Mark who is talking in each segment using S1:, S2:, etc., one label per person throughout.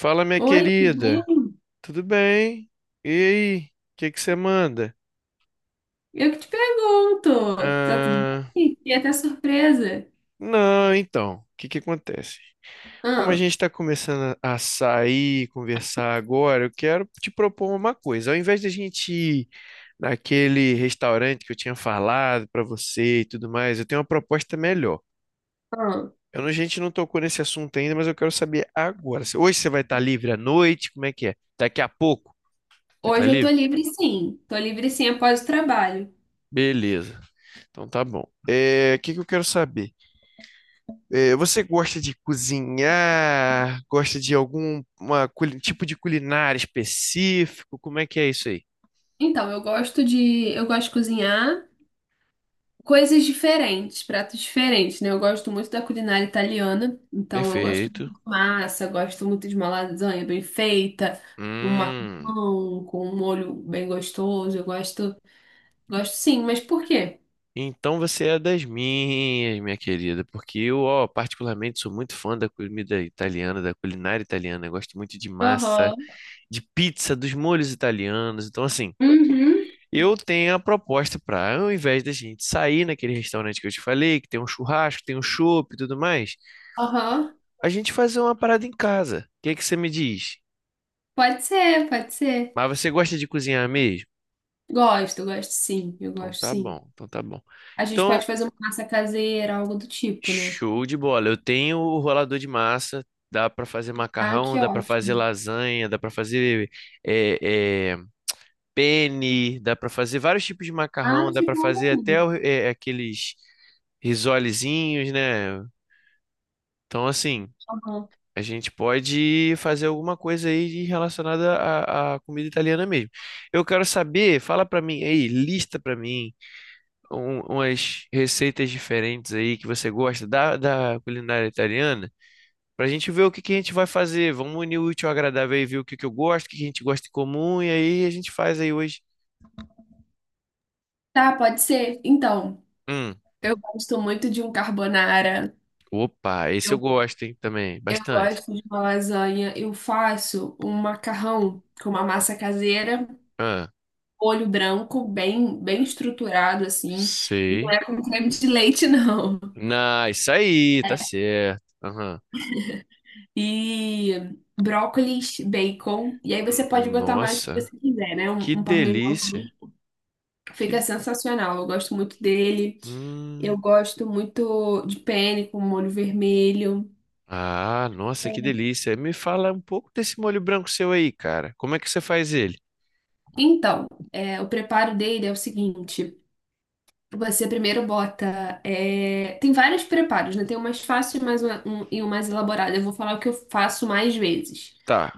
S1: Fala, minha
S2: Oi, tudo bem?
S1: querida. Tudo bem? E aí? O que que você manda?
S2: Eu que te pergunto. Tá tudo
S1: Ah,
S2: bem? E até surpresa.
S1: não, então, o que que acontece? Como a
S2: Ah,
S1: gente está começando a sair, conversar agora, eu quero te propor uma coisa. Ao invés de a gente ir naquele restaurante que eu tinha falado para você e tudo mais, eu tenho uma proposta melhor.
S2: ah.
S1: Eu não- A gente não tocou nesse assunto ainda, mas eu quero saber agora. Hoje você vai estar livre à noite? Como é que é? Daqui a pouco? Vai estar
S2: Hoje eu tô
S1: livre?
S2: livre sim. Tô livre sim após o trabalho.
S1: Beleza. Então tá bom. É, o que que eu quero saber? É, você gosta de cozinhar? Gosta de tipo de culinária específico? Como é que é isso aí?
S2: Então, eu gosto de cozinhar coisas diferentes, pratos diferentes, né? Eu gosto muito da culinária italiana, então eu gosto
S1: Perfeito.
S2: muito de massa, gosto muito de uma lasanha bem feita, um
S1: Hum,
S2: macarrão com um molho bem gostoso. Eu gosto, gosto sim, mas por quê?
S1: então você é das minhas, minha querida, porque eu, ó, particularmente sou muito fã da comida italiana, da culinária italiana. Eu gosto muito de massa,
S2: Aham.
S1: de pizza, dos molhos italianos. Então, assim,
S2: Uhum.
S1: eu tenho a proposta para, ao invés da gente sair naquele restaurante que eu te falei, que tem um churrasco, tem um chopp e tudo mais,
S2: Aham.
S1: a gente fazer uma parada em casa. O que é que você me diz?
S2: Pode ser, pode ser.
S1: Mas você gosta de cozinhar mesmo?
S2: Gosto, gosto sim, eu
S1: Então
S2: gosto
S1: tá
S2: sim.
S1: bom, então tá bom.
S2: A gente
S1: Então,
S2: pode fazer uma massa caseira, algo do tipo, né?
S1: show de bola. Eu tenho o rolador de massa, dá para fazer
S2: Ah, que
S1: macarrão, dá para fazer
S2: ótimo.
S1: lasanha, dá para fazer é, é, penne, dá para fazer vários tipos de
S2: Ah,
S1: macarrão, dá
S2: que
S1: para fazer
S2: bom.
S1: aqueles risolezinhos, né? Então, assim.
S2: Tá, bom.
S1: A gente pode fazer alguma coisa aí relacionada à comida italiana mesmo. Eu quero saber, fala pra mim aí, lista pra mim umas receitas diferentes aí que você gosta da culinária italiana, pra gente ver o que que a gente vai fazer. Vamos unir o útil ao agradável e ver o que que eu gosto, o que que a gente gosta em comum, e aí a gente faz aí hoje.
S2: Tá, pode ser. Então,
S1: Hum,
S2: eu gosto muito de um carbonara.
S1: Opa, esse eu
S2: Eu,
S1: gosto, hein, também,
S2: eu
S1: bastante.
S2: gosto de uma lasanha. Eu faço um macarrão com uma massa caseira,
S1: Ah,
S2: molho branco, bem, bem estruturado assim. E não
S1: sei.
S2: é com creme de leite, não.
S1: Na, isso aí, tá certo. Aham.
S2: E brócolis, bacon. E aí você pode botar mais o que você
S1: Nossa.
S2: quiser, né? Um,
S1: Que
S2: um
S1: delícia.
S2: parmesãozinho.
S1: Que...
S2: Fica sensacional. Eu gosto muito dele. Eu
S1: Hum.
S2: gosto muito de penne com molho vermelho.
S1: Ah, nossa, que delícia. Me fala um pouco desse molho branco seu aí, cara. Como é que você faz ele?
S2: Então, o preparo dele é o seguinte. Você primeiro bota. Tem vários preparos, né? Tem o mais fácil e mais um, e o mais elaborado. Eu vou falar o que eu faço mais vezes.
S1: Tá,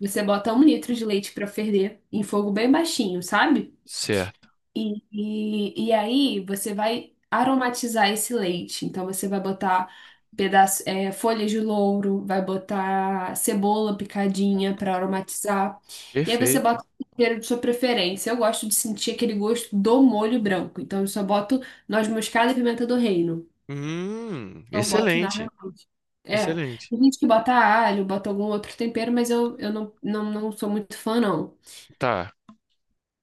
S2: Você bota um litro de leite para ferver em fogo bem baixinho, sabe?
S1: certo.
S2: E aí você vai aromatizar esse leite. Então você vai botar folhas de louro, vai botar cebola picadinha para aromatizar. E aí você
S1: Perfeito.
S2: bota o tempero de sua preferência. Eu gosto de sentir aquele gosto do molho branco. Então eu só boto noz moscada e pimenta do reino. Não boto nada
S1: Excelente.
S2: mais. É,
S1: Excelente.
S2: tem gente que bota alho, bota algum outro tempero, mas eu não, não, não sou muito fã, não.
S1: Tá.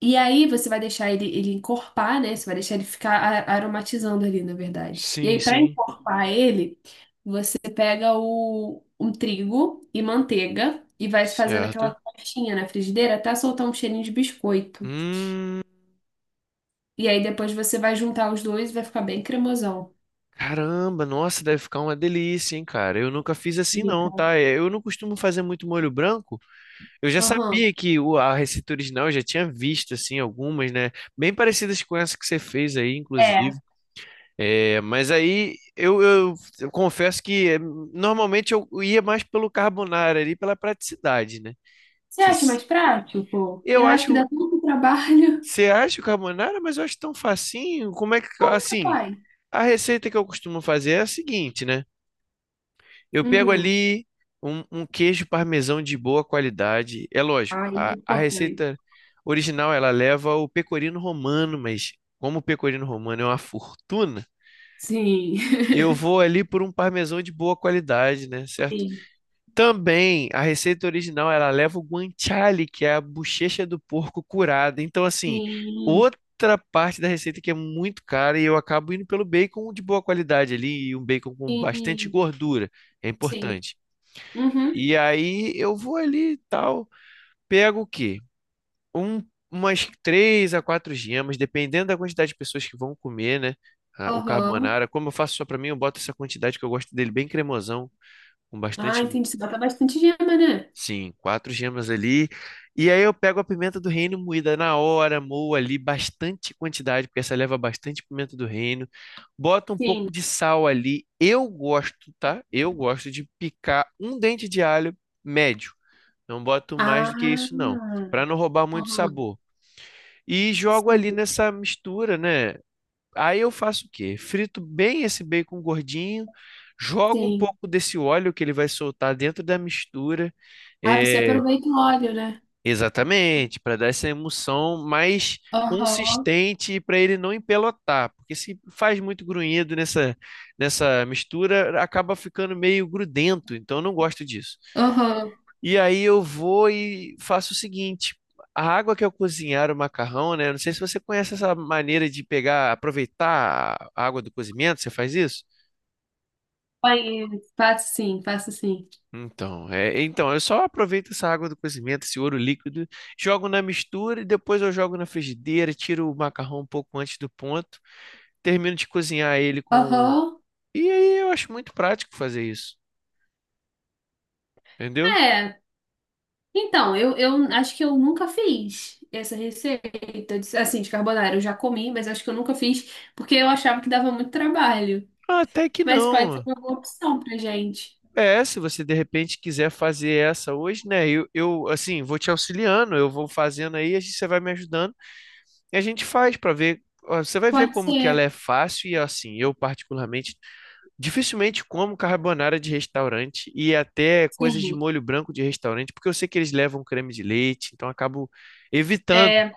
S2: E aí você vai deixar ele encorpar, né? Você vai deixar ele ficar aromatizando ali, na verdade. E
S1: Sim,
S2: aí, para
S1: sim.
S2: encorpar ele, você pega um trigo e manteiga e vai fazendo aquela
S1: Certo.
S2: crostinha na frigideira até soltar um cheirinho de biscoito.
S1: Hum,
S2: E aí depois você vai juntar os dois e vai ficar bem cremosão.
S1: Caramba, nossa, deve ficar uma delícia, hein, cara. Eu nunca fiz assim
S2: Fica.
S1: não, tá? Eu não costumo fazer muito molho branco. Eu já
S2: Aham.
S1: sabia que a receita original, eu já tinha visto, assim, algumas, né? Bem parecidas com essa que você fez aí, inclusive.
S2: É.
S1: É, mas aí, eu confesso que normalmente eu ia mais pelo carbonara ali, pela praticidade, né?
S2: Você
S1: Cê
S2: acha mais prático?
S1: Eu
S2: Eu acho que dá
S1: acho...
S2: tanto trabalho.
S1: Você acha o carbonara, mas eu acho tão facinho. Como é que...
S2: Como que você
S1: Assim,
S2: faz?
S1: a receita que eu costumo fazer é a seguinte, né? Eu pego
S2: Uhum.
S1: ali um queijo parmesão de boa qualidade. É lógico,
S2: Ah, é muito
S1: a
S2: importante.
S1: receita original ela leva o pecorino romano, mas como o pecorino romano é uma fortuna,
S2: Sim.
S1: eu vou ali por um parmesão de boa qualidade, né? Certo?
S2: Sim.
S1: Também a receita original ela leva o guanciale, que é a bochecha do porco curada. Então, assim,
S2: Sim.
S1: outra parte da receita que é muito cara e eu acabo indo pelo bacon de boa qualidade ali, e um bacon com bastante
S2: Sim.
S1: gordura. É
S2: Sim.
S1: importante.
S2: Uhum.
S1: E aí eu vou ali e tal, pego o quê? Um, Umas três a quatro gemas, dependendo da quantidade de pessoas que vão comer, né? Ah, o
S2: Aham.
S1: carbonara, como eu faço só pra mim, eu boto essa quantidade que eu gosto dele bem cremosão, com
S2: Ah,
S1: bastante,
S2: entendi. Você bota bastante gema, né?
S1: sim, quatro gemas ali. E aí eu pego a pimenta do reino moída na hora, moo ali bastante quantidade, porque essa leva bastante pimenta do reino. Bota um pouco
S2: Sim.
S1: de sal ali. Eu gosto, tá? Eu gosto de picar um dente de alho médio. Não boto mais do que
S2: Ah.
S1: isso, não, para não roubar muito
S2: Aham.
S1: sabor. E jogo ali
S2: Sim.
S1: nessa mistura, né? Aí eu faço o quê? Frito bem esse bacon gordinho, jogo um
S2: Sim.
S1: pouco desse óleo que ele vai soltar dentro da mistura,
S2: Ah, você
S1: é,
S2: aproveita o óleo, né?
S1: exatamente, para dar essa emulsão mais
S2: Aham.
S1: consistente para ele não empelotar, porque se faz muito grunhido nessa mistura, acaba ficando meio grudento, então eu não gosto disso.
S2: Aham.
S1: E aí eu vou e faço o seguinte: a água que eu cozinhar o macarrão, né? Não sei se você conhece essa maneira de pegar, aproveitar a água do cozimento, você faz isso?
S2: Conheço. Faço sim, faço sim.
S1: Então, é, então, eu só aproveito essa água do cozimento, esse ouro líquido, jogo na mistura e depois eu jogo na frigideira, tiro o macarrão um pouco antes do ponto, termino de cozinhar ele com.
S2: Aham.
S1: E aí eu acho muito prático fazer isso, entendeu?
S2: É. Então, eu acho que eu nunca fiz essa receita, assim, de carbonara. Eu já comi, mas acho que eu nunca fiz, porque eu achava que dava muito trabalho.
S1: Ah, até que
S2: Mas pode ser
S1: não.
S2: uma boa opção pra gente.
S1: É, se você de repente quiser fazer essa hoje, né? Eu assim, vou te auxiliando, eu vou fazendo aí, a gente, você vai me ajudando e a gente faz para ver. Ó, você vai ver
S2: Pode
S1: como que ela
S2: ser.
S1: é fácil e assim, eu particularmente dificilmente como carbonara de restaurante e até coisas de
S2: Sim.
S1: molho branco de restaurante, porque eu sei que eles levam creme de leite, então eu acabo evitando.
S2: é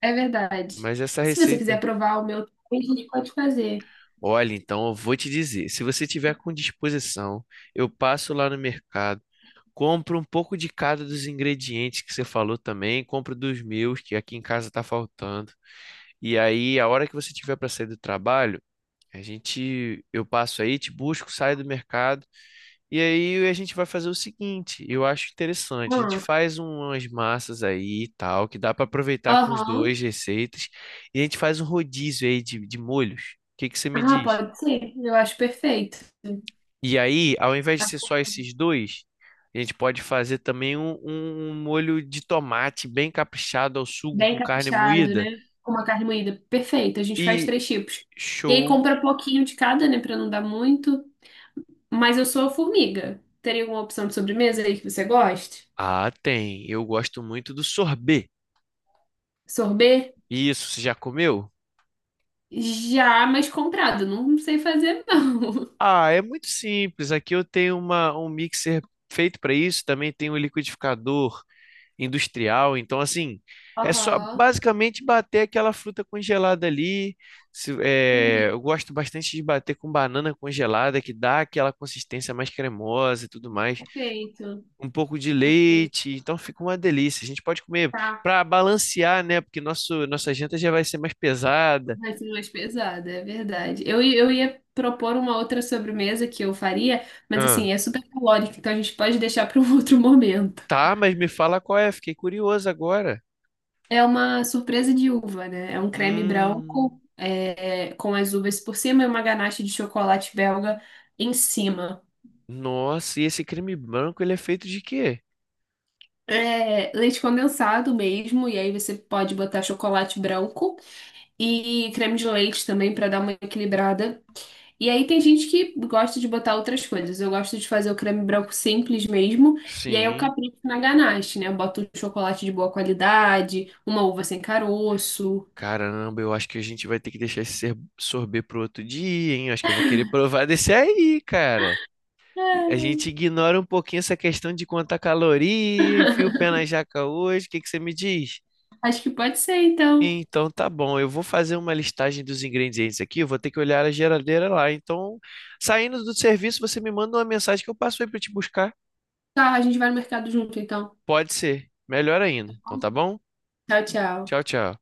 S2: É verdade.
S1: Mas essa
S2: Se você quiser
S1: receita...
S2: provar o meu, a gente pode fazer.
S1: Olha, então eu vou te dizer, se você tiver com disposição, eu passo lá no mercado, compro um pouco de cada dos ingredientes que você falou também, compro dos meus, que aqui em casa tá faltando. E aí, a hora que você tiver para sair do trabalho, a gente, eu passo aí, te busco, saio do mercado, e aí a gente vai fazer o seguinte, eu acho interessante, a gente
S2: Ah,
S1: faz umas massas aí e tal, que dá para aproveitar com os
S2: aham.
S1: dois receitas, e a gente faz um rodízio aí de molhos. O que que você me
S2: Ah,
S1: diz?
S2: pode ser. Eu acho perfeito.
S1: E aí, ao invés
S2: Tá.
S1: de ser só esses dois, a gente pode fazer também um molho de tomate bem caprichado ao sugo
S2: Bem
S1: com carne
S2: caprichado,
S1: moída.
S2: né? Com uma carne moída. Perfeito. A gente faz
S1: E
S2: três tipos. E aí
S1: show!
S2: compra pouquinho de cada, né? Pra não dar muito. Mas eu sou formiga. Teria alguma opção de sobremesa aí que você goste?
S1: Ah, tem. Eu gosto muito do sorbet.
S2: Sorbet?
S1: Isso, você já comeu?
S2: Já, mas comprado. Não sei fazer, não.
S1: Ah, é muito simples. Aqui eu tenho um mixer feito para isso. Também tem um liquidificador industrial. Então, assim, é só
S2: Aham.
S1: basicamente bater aquela fruta congelada ali.
S2: Entendi.
S1: Eu gosto bastante de bater com banana congelada, que dá aquela consistência mais cremosa e tudo mais.
S2: Perfeito.
S1: Um pouco de
S2: Perfeito.
S1: leite, então fica uma delícia. A gente pode comer
S2: Tá.
S1: para balancear, né? Porque nossa janta já vai ser mais pesada.
S2: Vai ser mais pesada, é verdade. Eu ia propor uma outra sobremesa que eu faria, mas
S1: Ah,
S2: assim, é super calórica, então a gente pode deixar para um outro momento.
S1: tá, mas me fala qual é, fiquei curioso agora.
S2: É uma surpresa de uva, né? É um creme
S1: Hum,
S2: branco, com as uvas por cima e uma ganache de chocolate belga em cima.
S1: nossa, e esse creme branco, ele é feito de quê?
S2: É leite condensado mesmo, e aí você pode botar chocolate branco e creme de leite também para dar uma equilibrada. E aí tem gente que gosta de botar outras coisas. Eu gosto de fazer o creme branco simples mesmo, e aí eu
S1: Sim.
S2: capricho na ganache, né? Eu boto um chocolate de boa qualidade, uma uva sem caroço.
S1: Caramba, eu acho que a gente vai ter que deixar esse sorbet pro outro dia, hein? Eu acho que eu vou querer provar desse aí, cara. E a
S2: É,
S1: gente ignora um pouquinho essa questão de contar caloria, enfia o pé na jaca hoje. O que que você me diz?
S2: acho que pode ser, então.
S1: Então tá bom, eu vou fazer uma listagem dos ingredientes aqui, eu vou ter que olhar a geladeira lá. Então, saindo do serviço, você me manda uma mensagem que eu passo aí pra te buscar.
S2: Tá, a gente vai no mercado junto, então.
S1: Pode ser, melhor ainda. Então tá bom?
S2: Tchau, tchau.
S1: Tchau, tchau.